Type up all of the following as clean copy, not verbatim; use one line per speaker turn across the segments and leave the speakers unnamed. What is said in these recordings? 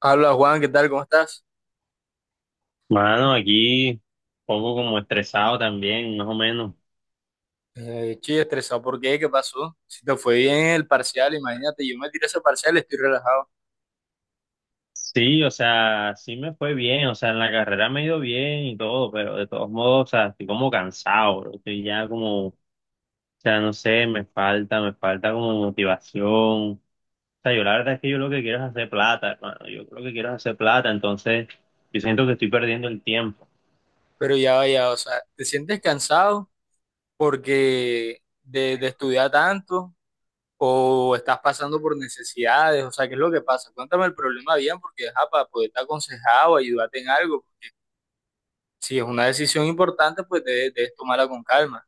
Habla Juan, ¿qué tal? ¿Cómo estás?
Mano, aquí un poco como estresado también, más o menos.
Estoy estresado. ¿Por qué? ¿Qué pasó? Si te fue bien el parcial, imagínate, yo me tiré ese parcial, estoy relajado.
Sí, o sea, sí me fue bien, o sea, en la carrera me ha ido bien y todo, pero de todos modos, o sea, estoy como cansado, bro. Estoy ya como, o sea, no sé, me falta como motivación. O sea, yo la verdad es que yo lo que quiero es hacer plata, hermano. Yo lo que quiero es hacer plata, entonces yo siento que estoy perdiendo el tiempo.
Pero ya vaya, o sea, ¿te sientes cansado porque de estudiar tanto o estás pasando por necesidades? O sea, ¿qué es lo que pasa? Cuéntame el problema bien porque, ajá, para poderte aconsejar o ayudarte en algo. Si es una decisión importante, pues debes tomarla con calma.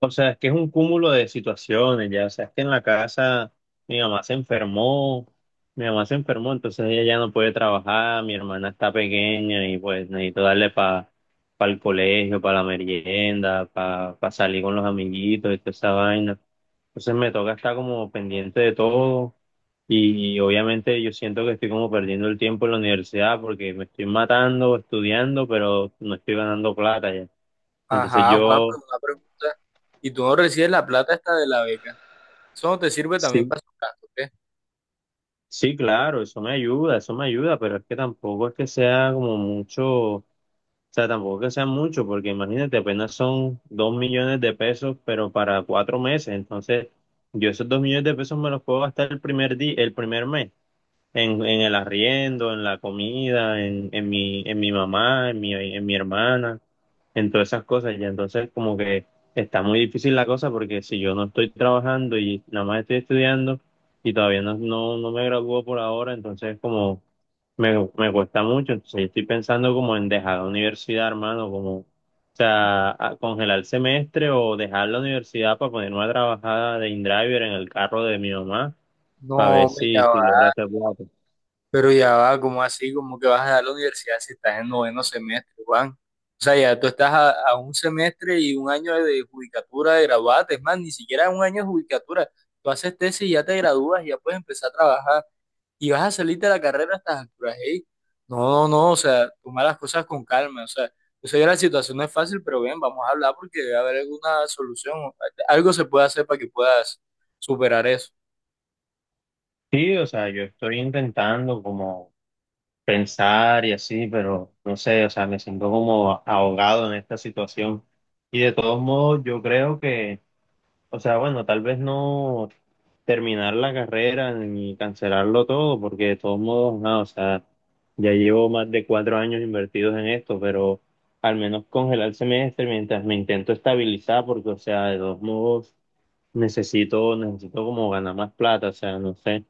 O sea, es que es un cúmulo de situaciones, ya. O sea, es que en la casa mi mamá se enfermó, mi mamá se enfermó, entonces ella ya no puede trabajar, mi hermana está pequeña y pues necesito darle para el colegio, para la merienda, para salir con los amiguitos y toda esa vaina. Entonces me toca estar como pendiente de todo y obviamente yo siento que estoy como perdiendo el tiempo en la universidad porque me estoy matando estudiando, pero no estoy ganando plata ya. Entonces
Ajá, Juan, pero
yo.
una pregunta. ¿Y tú no recibes la plata esta de la beca? Eso no te sirve también
Sí,
para sus gastos.
sí, claro, eso me ayuda, pero es que tampoco es que sea como mucho, o sea, tampoco es que sea mucho, porque imagínate, apenas son 2 millones de pesos, pero para 4 meses, entonces yo esos 2 millones de pesos me los puedo gastar el primer día, el primer mes, en el arriendo, en la comida, en mi mamá, en mi hermana, en todas esas cosas. Ya, entonces como que está muy difícil la cosa porque si yo no estoy trabajando y nada más estoy estudiando y todavía no, no, no me gradúo por ahora, entonces como me cuesta mucho. Entonces yo estoy pensando como en dejar la universidad, hermano, como, o sea, congelar el semestre o dejar la universidad para poner una trabajada de InDriver en el carro de mi mamá
No,
para ver
hombre,
si,
ya
si
va.
logra hacer plata.
Pero ya va, ¿cómo así? ¿Cómo que vas a dar la universidad si estás en noveno semestre, Juan? O sea, ya tú estás a un semestre y un año de judicatura de graduarte. Es más, ni siquiera un año de judicatura. Tú haces tesis y ya te gradúas, y ya puedes empezar a trabajar y vas a salirte de la carrera a estas alturas. Ey. No, no, no, o sea, toma las cosas con calma. O sea, yo sé que la situación no es fácil, pero ven, vamos a hablar porque debe haber alguna solución. Algo se puede hacer para que puedas superar eso.
Sí, o sea, yo estoy intentando como pensar y así, pero no sé, o sea, me siento como ahogado en esta situación. Y de todos modos, yo creo que, o sea, bueno, tal vez no terminar la carrera ni cancelarlo todo, porque de todos modos, no, o sea, ya llevo más de 4 años invertidos en esto, pero al menos congelar el semestre mientras me intento estabilizar, porque, o sea, de todos modos, necesito como ganar más plata, o sea, no sé.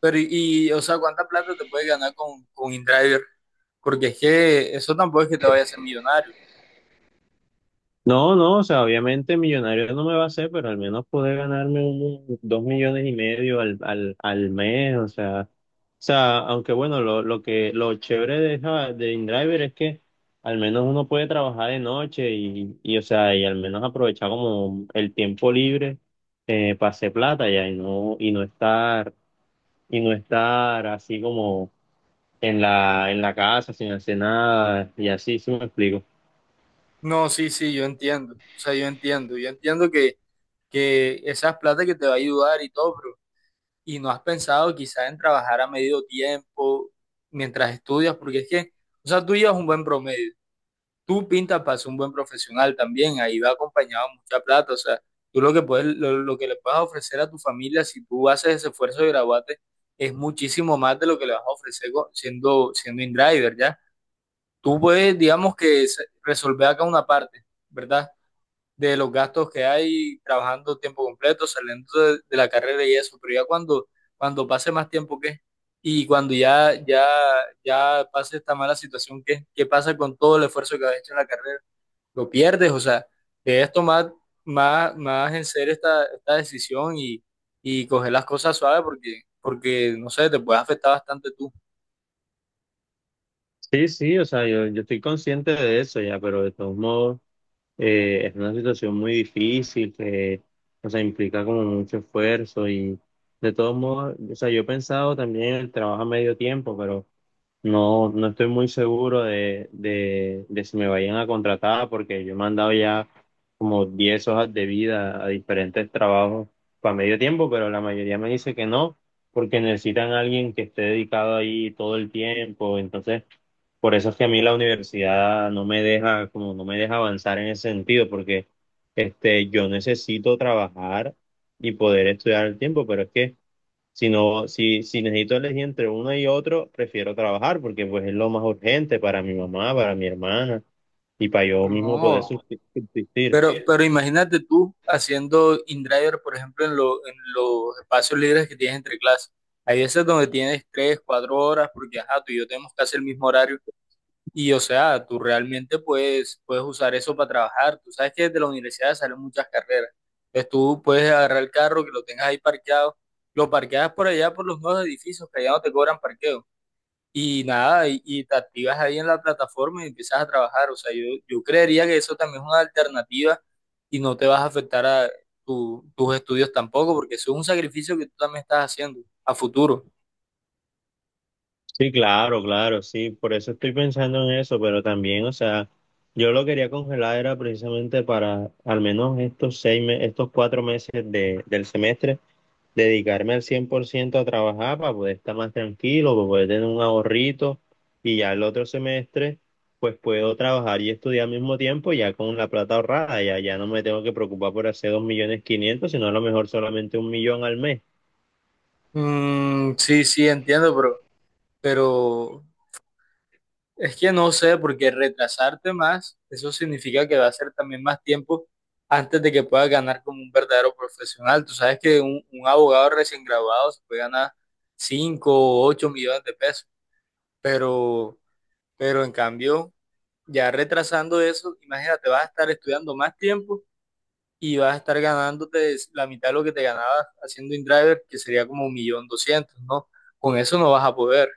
Pero o sea, ¿cuánta plata te puedes ganar con InDriver? Porque es que eso tampoco es que te vaya a hacer millonario.
No, no, o sea, obviamente millonario no me va a hacer, pero al menos poder ganarme un, 2,5 millones al mes, o sea, aunque bueno, lo chévere de InDriver es que al menos uno puede trabajar de noche, o sea, y al menos aprovechar como el tiempo libre, para hacer plata ya y no estar así como en la casa sin hacer nada y así, si me explico.
No, sí, sí, yo entiendo. O sea, yo entiendo. Yo entiendo que esas plata que te va a ayudar y todo, pero ¿y no has pensado quizás en trabajar a medio tiempo mientras estudias? Porque es que, o sea, tú llevas un buen promedio. Tú pintas para ser un buen profesional también, ahí va acompañado mucha plata. O sea, tú lo que puedes, lo que le puedes ofrecer a tu familia si tú haces ese esfuerzo de graduarte es muchísimo más de lo que le vas a ofrecer siendo, siendo in-driver, ¿ya? Tú puedes, digamos que resolver acá una parte, ¿verdad? De los gastos que hay trabajando tiempo completo, saliendo de la carrera y eso, pero ya cuando pase más tiempo, ¿qué? Y cuando ya pase esta mala situación, ¿qué? ¿Qué pasa con todo el esfuerzo que has hecho en la carrera? Lo pierdes, o sea, debes tomar más en serio esta decisión y coger las cosas suaves porque, porque, no sé, te puede afectar bastante tú.
Sí, sí, o sea, yo estoy consciente de eso ya, pero de todos modos, es una situación muy difícil que, o sea, implica como mucho esfuerzo y de todos modos, o sea, yo he pensado también en el trabajo a medio tiempo, pero no, no estoy muy seguro de si me vayan a contratar porque yo he mandado ya como 10 hojas de vida a diferentes trabajos para medio tiempo, pero la mayoría me dice que no, porque necesitan a alguien que esté dedicado ahí todo el tiempo, entonces. Por eso es que a mí la universidad no me deja, como no me deja avanzar en ese sentido, porque yo necesito trabajar y poder estudiar al tiempo, pero es que si no, si, si necesito elegir entre uno y otro, prefiero trabajar, porque pues es lo más urgente para mi mamá, para mi hermana, y para yo mismo poder
No,
subsistir.
pero imagínate tú haciendo in-driver, por ejemplo, en, en los espacios libres que tienes entre clases. Hay veces donde tienes 3, 4 horas, porque ajá, tú y yo tenemos casi el mismo horario. Y o sea, tú realmente puedes, puedes usar eso para trabajar. Tú sabes que desde la universidad salen muchas carreras. Entonces tú puedes agarrar el carro que lo tengas ahí parqueado, lo parqueas por allá por los nuevos edificios que allá no te cobran parqueo. Y nada, y te activas ahí en la plataforma y empiezas a trabajar. O sea, yo creería que eso también es una alternativa y no te vas a afectar a tus estudios tampoco, porque eso es un sacrificio que tú también estás haciendo a futuro.
Sí, claro, claro, sí, por eso estoy pensando en eso, pero también, o sea, yo lo quería congelar era precisamente para al menos estos cuatro meses de, del semestre, dedicarme al 100% a trabajar para poder estar más tranquilo, para poder tener un ahorrito y ya el otro semestre, pues puedo trabajar y estudiar al mismo tiempo ya con la plata ahorrada, ya, ya no me tengo que preocupar por hacer 2.500.000, sino a lo mejor solamente 1 millón al mes.
Sí, sí, entiendo, pero es que no sé, porque retrasarte más, eso significa que va a ser también más tiempo antes de que puedas ganar como un verdadero profesional. Tú sabes que un abogado recién graduado se puede ganar 5 o 8 millones de pesos, pero, pero en cambio, ya retrasando eso, imagínate, vas a estar estudiando más tiempo y vas a estar ganándote la mitad de lo que te ganabas haciendo InDriver, que sería como 1.200.000, ¿no? Con eso no vas a poder.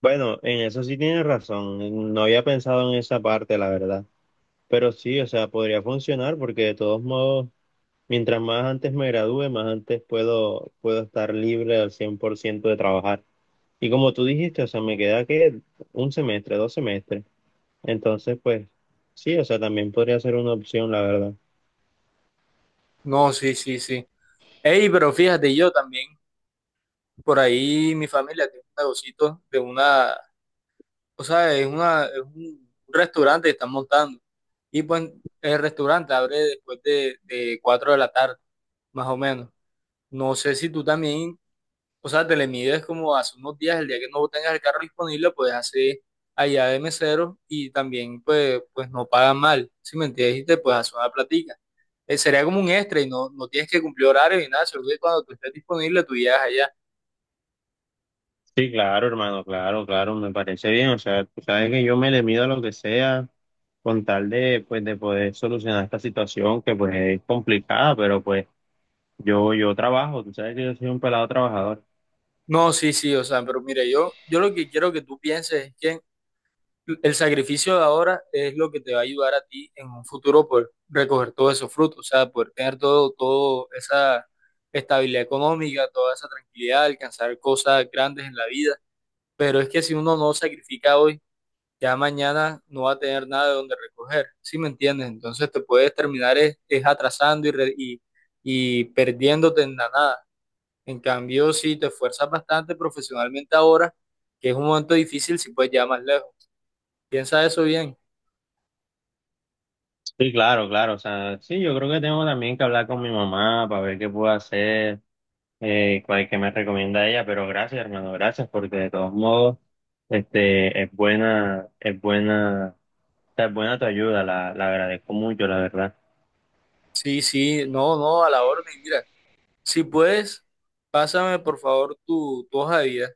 Bueno, en eso sí tienes razón. No había pensado en esa parte, la verdad. Pero sí, o sea, podría funcionar porque de todos modos, mientras más antes me gradúe, más antes puedo estar libre al 100% de trabajar. Y como tú dijiste, o sea, me queda que un semestre, dos semestres. Entonces, pues sí, o sea, también podría ser una opción, la verdad.
No, sí, sí, sí. Ey, pero fíjate, yo también por ahí mi familia tiene un negocito de una, o sea, es una, es un restaurante que están montando. Y pues el restaurante abre después de 4 de la tarde, más o menos. No sé si tú también, o sea, te le mides como hace unos días, el día que no tengas el carro disponible, puedes hacer allá de mesero y también pues, pues no pagan mal, si me entiendes, y te puedes hacer una platica. Sería como un extra y no, no tienes que cumplir horario ni nada, solo que cuando tú estés disponible tú llegas allá.
Sí, claro, hermano, claro, claro, me parece bien. O sea, tú sabes que yo me le mido a lo que sea con tal de, pues, de poder solucionar esta situación que, pues, es complicada, pero, pues, yo trabajo, tú sabes que yo soy un pelado trabajador.
No, sí, sí, o sea, pero mira, yo lo que quiero que tú pienses es que el sacrificio de ahora es lo que te va a ayudar a ti en un futuro por recoger todos esos frutos, o sea, poder tener todo, todo esa estabilidad económica, toda esa tranquilidad, alcanzar cosas grandes en la vida. Pero es que si uno no sacrifica hoy, ya mañana no va a tener nada de donde recoger, ¿sí me entiendes? Entonces te puedes terminar es atrasando y y perdiéndote en la nada. En cambio, si te esfuerzas bastante profesionalmente ahora, que es un momento difícil, si puedes llegar más lejos. Piensa eso bien.
Sí, claro, claro, o sea, sí, yo creo que tengo también que hablar con mi mamá para ver qué puedo hacer, cuál que me recomienda ella, pero gracias, hermano, gracias, porque de todos modos, es buena, o sea, es buena tu ayuda, la agradezco mucho, la verdad.
Sí, sí, no, no, a la orden. Mira, si puedes, pásame por favor tu hoja de vida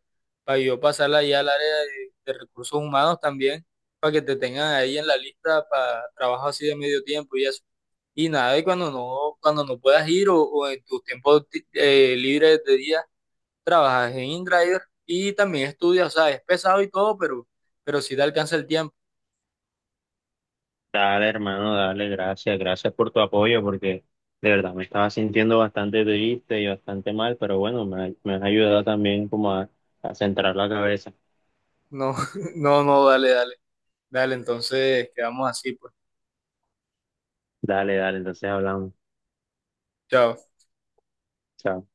para yo pasarla ya al área de recursos humanos también, para que te tengan ahí en la lista para trabajo así de medio tiempo y eso. Y nada, y cuando no puedas ir o en tus tiempos libres de día trabajas en InDriver y también estudias, o sea, es pesado y todo, pero si te alcanza el tiempo.
Dale, hermano, dale, gracias, gracias por tu apoyo, porque de verdad me estaba sintiendo bastante triste y bastante mal, pero bueno, me has ayudado también como a centrar la cabeza.
No, no, no, dale, dale, entonces quedamos así, pues.
Dale, dale, entonces hablamos.
Chao.
Chao.